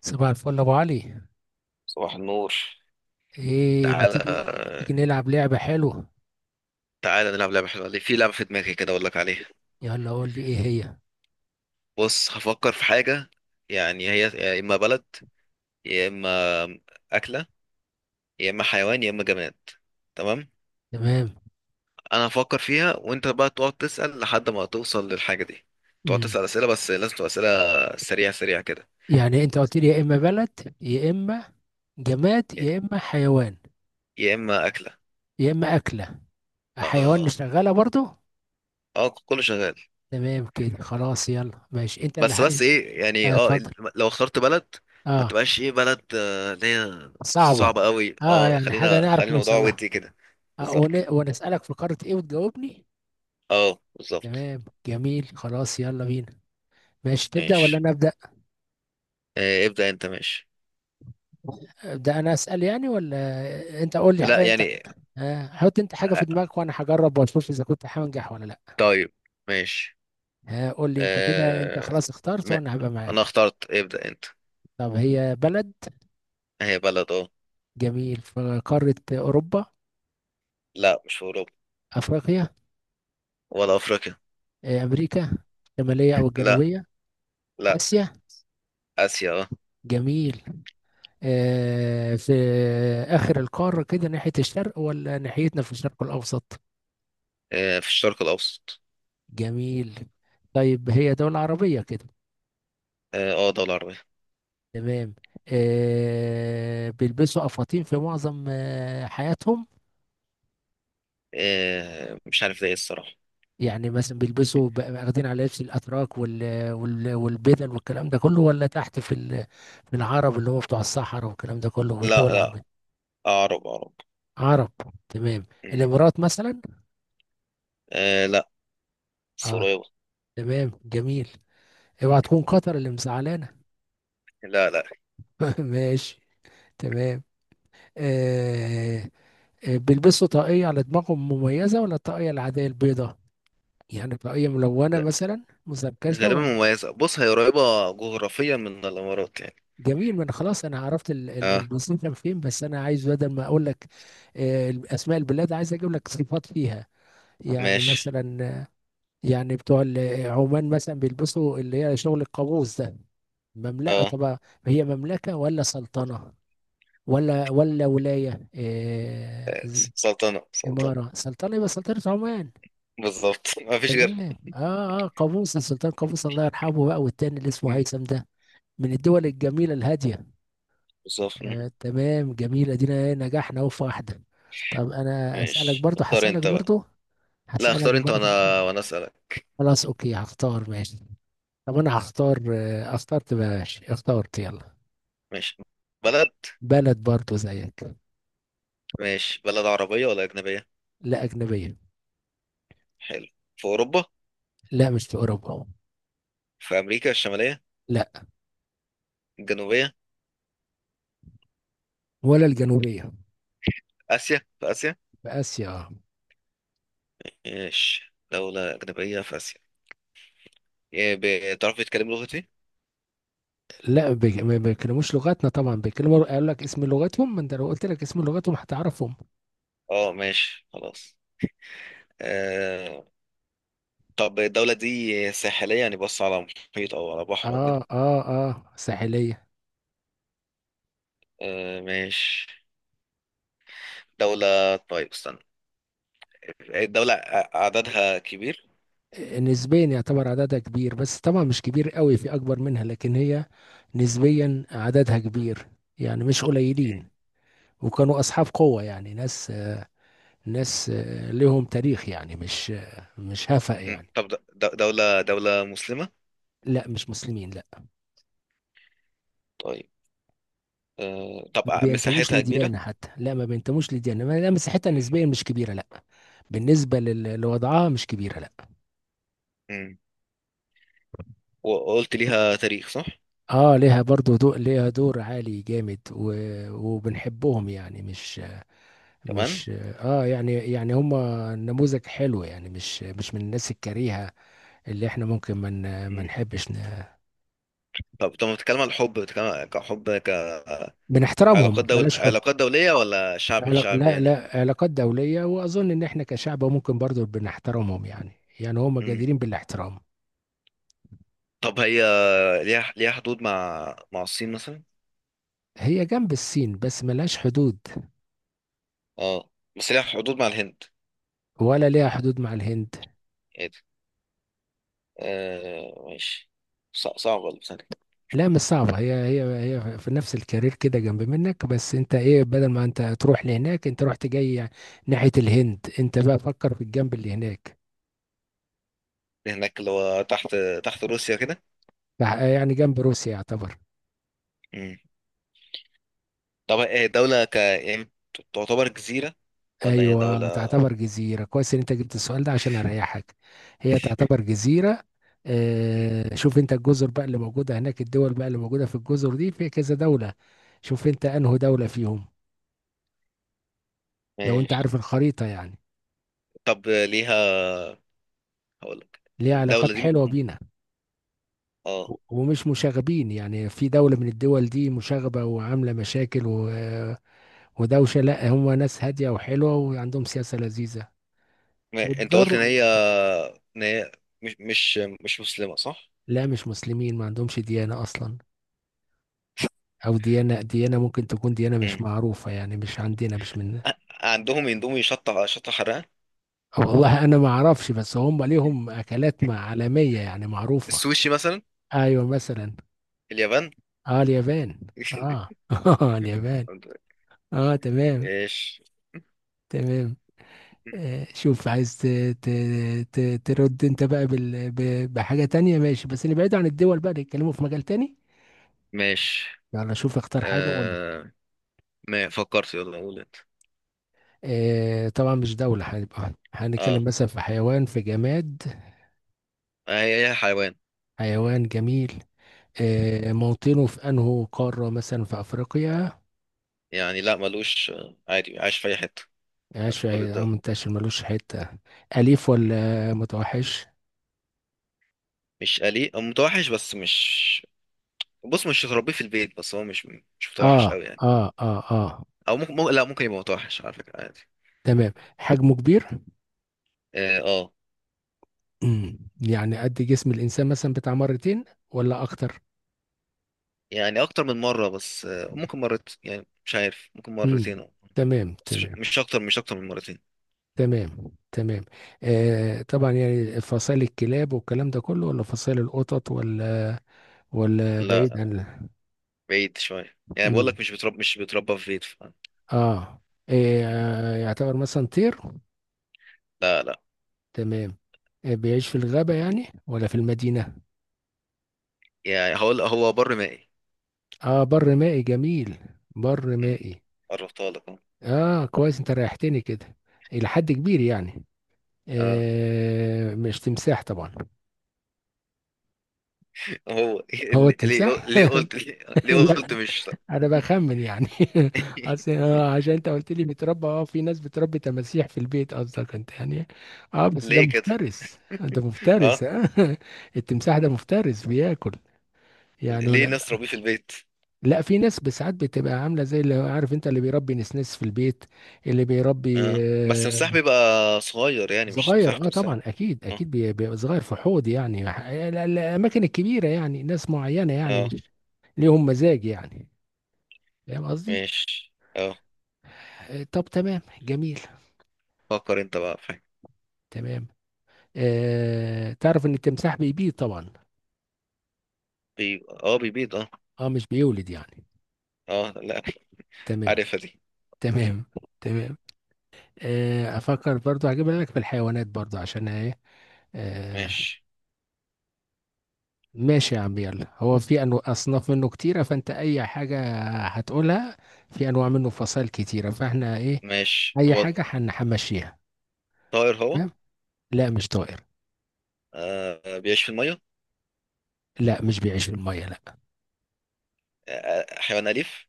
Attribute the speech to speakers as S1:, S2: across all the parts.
S1: صباح الفل يا ابو علي.
S2: صباح النور.
S1: ايه ما تيجي؟
S2: تعالى
S1: تيجي نلعب لعبة حلوة.
S2: تعالى، نلعب لعبة حلوة. ليه؟ في لعبة في دماغي كده أقول لك عليها.
S1: يلا قول لي ايه هي.
S2: بص، هفكر في حاجة. يعني هي يا إما بلد، يا إما أكلة، يا إما حيوان، يا إما جماد. تمام.
S1: تمام.
S2: أنا هفكر فيها وأنت بقى تقعد تسأل لحد ما توصل للحاجة دي. تقعد
S1: امم
S2: تسأل أسئلة، بس لازم تبقى أسئلة سريعة سريعة كده.
S1: يعني انت قلت لي يا اما بلد، يا اما جماد،
S2: يا
S1: يا اما حيوان،
S2: يا إما أكلة.
S1: يا اما اكلة. حيوان
S2: آه،
S1: نشغلها برضو.
S2: آه، كله شغال.
S1: تمام كده خلاص، يلا ماشي انت اللي
S2: بس
S1: حق...
S2: بس ايه، يعني
S1: آه، اتفضل.
S2: لو اخترت بلد ما
S1: اه
S2: تبقاش ايه بلد اللي هي
S1: صعبة.
S2: صعبة قوي.
S1: اه
S2: اه
S1: يعني حاجة
S2: خلينا
S1: نعرف
S2: خلي الموضوع
S1: نوصل لها.
S2: ودي كده. بالظبط.
S1: ونسألك في قارة ايه وتجاوبني.
S2: اه، بالظبط.
S1: تمام جميل، خلاص يلا بينا. ماشي تبدأ ولا
S2: ماشي.
S1: انا ابدأ؟
S2: آه، ابدأ انت، ماشي.
S1: ده انا اسال يعني، ولا انت قول
S2: لا،
S1: لي انت.
S2: يعني.
S1: حط انت حاجه في
S2: آه،
S1: دماغك وانا هجرب واشوف اذا كنت هنجح ولا لا.
S2: طيب. ماشي.
S1: قول لي انت كده، انت
S2: آه،
S1: خلاص اخترت
S2: ما
S1: وانا هبقى
S2: انا
S1: معاك.
S2: اخترت. ابدأ انت.
S1: طب هي بلد؟
S2: هي بلد، اه.
S1: جميل. في قاره اوروبا؟
S2: لا، مش في اوروبا.
S1: افريقيا؟
S2: ولا افريقيا.
S1: امريكا الشماليه او
S2: لا،
S1: الجنوبيه؟
S2: لا،
S1: اسيا؟
S2: اسيا، اه.
S1: جميل. في اخر القاره كده ناحيه الشرق، ولا ناحيتنا في الشرق الاوسط؟
S2: آه، في الشرق الاوسط.
S1: جميل. طيب هي دوله عربيه كده؟
S2: اه، آه، دولة عربية.
S1: تمام. بيلبسوا افاطين في معظم حياتهم.
S2: آه، مش عارف ده ايه الصراحة.
S1: يعني مثلا بيلبسوا واخدين على لبس الاتراك والبدل والكلام ده كله، ولا تحت في في العرب اللي هو بتوع الصحراء والكلام ده كله والدول
S2: لا، لا،
S1: العربية؟
S2: عرب عرب.
S1: عرب. تمام. الامارات مثلا.
S2: آه، لا، بس
S1: اه
S2: قريبة.
S1: تمام جميل. اوعى تكون قطر اللي مزعلانه.
S2: لا، لا،
S1: ماشي. تمام. آه بيلبسوا طاقية على دماغهم مميزة، ولا الطاقية العادية البيضاء؟ يعني طاقية ملونة
S2: لا،
S1: مثلا، مزركشة؟
S2: غالبا مميزة. بص، هي قريبة جغرافيا من الإمارات يعني.
S1: جميل. ما انا خلاص، انا عرفت
S2: اه،
S1: المصيف كان فين، بس انا عايز بدل ما اقول لك اسماء البلاد، عايز اجيب لك صفات فيها. يعني
S2: ماشي.
S1: مثلا يعني بتوع عمان مثلا بيلبسوا اللي هي شغل القابوس ده. مملكه
S2: اه،
S1: طبعا. هي مملكه ولا سلطنه ولايه
S2: آه، سلطنة سلطنة.
S1: اماره؟ سلطنه، يبقى سلطنه عمان.
S2: بالظبط مفيش
S1: تمام.
S2: غير.
S1: اه قابوس، السلطان قابوس الله يرحمه بقى، والتاني اللي اسمه
S2: مم.
S1: هيثم ده. من الدول الجميله الهاديه.
S2: بالظبط. مم.
S1: تمام جميل. ادينا إيه، نجحنا اهو في واحدة. طب انا اسألك
S2: ماشي،
S1: برضو،
S2: اختار
S1: هسألك
S2: انت بقى.
S1: برضو،
S2: لا،
S1: هسألك
S2: اختار انت
S1: برضو.
S2: وانا اسألك.
S1: خلاص اوكي هختار، ماشي. طب انا هختار، اخترت بقى. ماشي اخترت، يلا.
S2: ماشي. بلد.
S1: بلد برضو زيك.
S2: ماشي. بلد عربية ولا أجنبية؟
S1: لا اجنبية.
S2: حلو. في أوروبا؟
S1: لا مش في اوروبا.
S2: في أمريكا الشمالية؟
S1: لا.
S2: الجنوبية؟
S1: ولا الجنوبية.
S2: آسيا، في آسيا؟
S1: في اسيا آه.
S2: ماشي، دولة أجنبية في آسيا. إيه، بتعرف تتكلم لغتي؟
S1: لا ما بيتكلموش لغتنا طبعا، بيتكلموا قال لك اسم لغتهم. ما انت لو قلت لك اسم لغتهم هتعرفهم.
S2: اه، ماشي، خلاص. آه، طب الدولة دي ساحلية؟ يعني بص على محيط أو على بحر أو كده.
S1: اه اه اه. ساحلية.
S2: آه، ماشي. دولة. طيب، استنى. الدولة عددها كبير.
S1: نسبيا يعتبر عددها كبير، بس طبعا مش كبير قوي، في اكبر منها، لكن هي نسبيا عددها كبير. يعني مش قليلين. وكانوا اصحاب قوة، يعني ناس لهم تاريخ يعني، مش هفأ يعني.
S2: طب دولة مسلمة؟
S1: لا مش مسلمين لا.
S2: طيب. آه، طب
S1: ما بينتموش
S2: مساحتها كبيرة؟
S1: لديانة حتى، لا ما بينتموش لديانة لا مساحتها نسبيا مش كبيرة لا. بالنسبة لوضعها مش كبيرة لا.
S2: م. وقلت ليها تاريخ، صح؟
S1: اه ليها برضو، ليها دور عالي جامد وبنحبهم يعني، مش
S2: كمان.
S1: مش اه يعني هم نموذج حلو، يعني مش من الناس الكريهة اللي احنا ممكن ما من ما
S2: م.
S1: نحبش
S2: طب بتتكلم عن الحب، بتتكلم كحب، كعلاقات؟
S1: بنحترمهم،
S2: دول
S1: بلاش حب.
S2: علاقات دولية ولا شعب لشعب
S1: لا
S2: يعني؟
S1: لا علاقات دولية، واظن ان احنا كشعب ممكن برضو بنحترمهم يعني. يعني هم
S2: م.
S1: جديرين بالاحترام.
S2: طب هي ليها حدود مع الصين مثلا؟
S1: هي جنب الصين بس ملهاش حدود.
S2: اه، بس ليها حدود مع الهند؟
S1: ولا ليها حدود مع الهند.
S2: ايه ده. آه، ماشي. صعب والله. ثانية.
S1: لا مش صعبة، هي في نفس الكارير كده جنب منك. بس انت ايه، بدل ما انت تروح لهناك، انت رحت جاي ناحية الهند. انت بقى فكر في الجنب اللي هناك.
S2: هناك اللي هو تحت روسيا كده.
S1: يعني جنب روسيا يعتبر.
S2: مم. طب إيه، دولة يعني تعتبر جزيرة ولا هي
S1: ايوه
S2: دولة؟
S1: تعتبر جزيره. كويس ان انت جبت السؤال ده، عشان اريحك. هي تعتبر جزيره.
S2: مم.
S1: شوف انت الجزر بقى اللي موجوده هناك، الدول بقى اللي موجوده في الجزر دي في كذا دوله. شوف انت انه دوله فيهم. لو انت
S2: ماشي،
S1: عارف الخريطه يعني.
S2: طب ليها. هقول لك.
S1: ليها
S2: الدولة
S1: علاقات
S2: دي.
S1: حلوه بينا.
S2: اه،
S1: ومش مشاغبين. يعني في دولة من الدول دي مشاغبة وعاملة مشاكل ودوشة؟ لا، هم ناس هادية وحلوة، وعندهم سياسة لذيذة.
S2: انت قلت ان
S1: والضر.
S2: هي ان هي مش مسلمة، صح؟
S1: لا مش مسلمين، ما عندهمش ديانة أصلا. او ديانة ممكن تكون ديانة مش
S2: مم.
S1: معروفة يعني، مش عندنا، مش من.
S2: ع- عندهم يندومي، شطة شطة حرقة.
S1: أو والله انا ما اعرفش، بس هم ليهم اكلات عالمية يعني، معروفة.
S2: السوشي مثلا.
S1: ايوه مثلا.
S2: اليابان.
S1: اه اليابان. اه اه اليابان. اه تمام
S2: ايش.
S1: تمام. شوف، عايز ترد انت بقى بحاجة تانية. ماشي، بس نبعد عن الدول بقى، نتكلموا في مجال تاني.
S2: ماشي.
S1: يلا شوف، اختار حاجة وقول لي.
S2: آه... ما فكرت. يلا قول انت.
S1: طبعا مش دولة، هنبقى هنتكلم
S2: اه،
S1: مثلا في حيوان، في جماد.
S2: هي هي حيوان.
S1: حيوان جميل. موطنه في انه قارة؟ مثلا في افريقيا؟
S2: يعني لا، ملوش، عادي عايش في اي حته.
S1: عاش
S2: عارف
S1: في.
S2: كل
S1: اه
S2: الدول.
S1: منتشر، ملوش حتة. اليف ولا متوحش؟
S2: مش أليف أو متوحش، بس مش. بص، مش تربيه في البيت، بس هو مش متوحش
S1: اه
S2: قوي يعني.
S1: اه اه اه
S2: او ممكن، لا، ممكن يبقى متوحش على فكره، عادي.
S1: تمام. حجمه كبير.
S2: اه، آه.
S1: مم. يعني قد جسم الانسان مثلا، بتاع مرتين ولا اكتر؟
S2: يعني اكتر من مره، بس ممكن مرت، يعني مش عارف، ممكن مرتين
S1: مم.
S2: أو.
S1: تمام
S2: بس مش
S1: تمام.
S2: مش اكتر، مش اكتر من مرتين.
S1: تمام تمام. طبعا، يعني فصائل الكلاب والكلام ده كله، ولا فصائل القطط، ولا
S2: لا،
S1: بعيد عن.
S2: بعيد شويه، يعني بقول
S1: مم.
S2: لك مش بتربى في بيت.
S1: اه إيه يعتبر مثلا طير؟
S2: لا، لا.
S1: تمام. بيعيش في الغابة يعني، ولا في المدينة؟
S2: يعني هقول هو بر مائي.
S1: اه بر مائي، جميل. بر
S2: م.
S1: مائي.
S2: قربتها لك أهو.
S1: اه كويس، انت ريحتني كده. الى حد كبير يعني.
S2: آه،
S1: مش تمساح طبعا؟
S2: هو
S1: هو
S2: ليه ليه
S1: التمساح.
S2: ليه قلت ليه
S1: لا،
S2: قلت مش.
S1: انا بخمن يعني. اصل عشان انت قلت لي بيتربى، اه في ناس بتربي تماسيح في البيت قصدك انت، يعني. اه بس ده
S2: ليه كده؟
S1: مفترس، ده مفترس.
S2: اه.
S1: آه. التمساح ده مفترس، بياكل يعني.
S2: ليه ناس تربيه في البيت؟
S1: لا، في ناس بساعات بتبقى عامله زي اللي عارف انت اللي بيربي نسنس في البيت، اللي بيربي.
S2: اه، بس مساح،
S1: آه،
S2: بيبقى صغير يعني، مش
S1: صغير،
S2: مساحة
S1: اه
S2: تمساح.
S1: طبعا اكيد
S2: اه،
S1: اكيد بيبقى صغير في حوض، يعني الاماكن الكبيره، يعني ناس معينه يعني،
S2: اه،
S1: مش ليهم مزاج يعني. فاهم قصدي؟
S2: ماشي، اه.
S1: طب تمام جميل.
S2: فكر انت بقى، فاهم.
S1: تمام. تعرف ان التمساح بيبيض طبعا.
S2: بي... اه بيبيض، اه.
S1: اه مش بيولد يعني.
S2: اه، لا.
S1: تمام
S2: عارفها دي.
S1: تمام تمام. افكر برضو، هجيب لك في الحيوانات برضو، عشان ايه. آه
S2: ماشي.
S1: ماشي يا عم، يلا. هو في انواع اصناف منه كتيره، فانت اي حاجه هتقولها. في انواع منه فصائل كتيره، فاحنا ايه،
S2: ماشي.
S1: اي
S2: هو
S1: حاجه هنمشيها.
S2: طائر هو؟
S1: تمام. لا مش طائر.
S2: آه، بيعيش في المية؟
S1: لا مش بيعيش في الميه لا.
S2: آه، حيوان أليف؟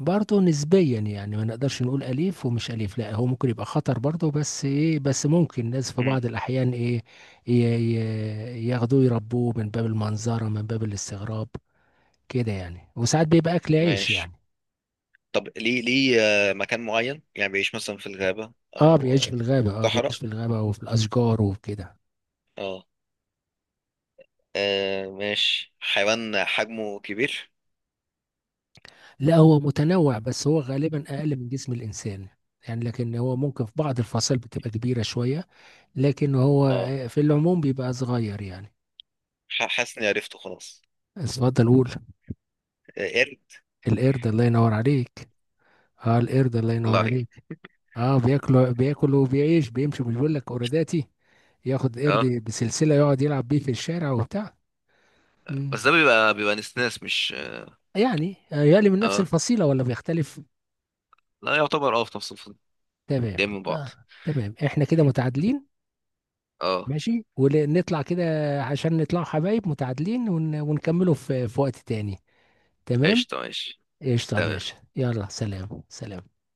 S1: برضه نسبيا يعني، ما نقدرش نقول اليف ومش اليف، لا هو ممكن يبقى خطر برضه، بس ايه، بس ممكن الناس في
S2: مم.
S1: بعض الاحيان ايه ياخدوه يربوه من باب المنظره، من باب الاستغراب كده يعني. وساعات بيبقى اكل عيش يعني.
S2: ماشي، طب ليه مكان معين يعني بيعيش مثلا في الغابة أو
S1: بيعيش
S2: صحراء؟
S1: في الغابه وفي الاشجار وكده.
S2: اه. آه، ماشي، حيوان حجمه كبير.
S1: لا هو متنوع، بس هو غالبا اقل من جسم الانسان يعني. لكن هو ممكن في بعض الفصائل بتبقى كبيره شويه. لكن هو
S2: اه.
S1: في العموم بيبقى صغير يعني.
S2: حاسس اني عرفته خلاص.
S1: اتفضل قول.
S2: آه، قرد.
S1: القرد، الله ينور عليك. اه القرد، الله
S2: الله
S1: ينور
S2: عليك.
S1: عليك. اه بياكل وبيعيش، بيمشي. مش بيقول لك قرداتي ياخد
S2: اه،
S1: قرد بسلسله يقعد يلعب بيه في الشارع وبتاع. مم.
S2: بس ده بيبقى نسناس مش.
S1: يعني يقلي من نفس
S2: اه،
S1: الفصيله ولا بيختلف؟
S2: لا يعتبر، في نفس الفصل.
S1: تمام
S2: جاي من بعض.
S1: آه. تمام، احنا كده متعادلين.
S2: اه،
S1: ماشي، ونطلع كده، عشان نطلع حبايب متعادلين ونكمله في وقت تاني. تمام.
S2: قشطة، ماشي.
S1: قشطة يا
S2: تمام.
S1: باشا، يلا. سلام سلام.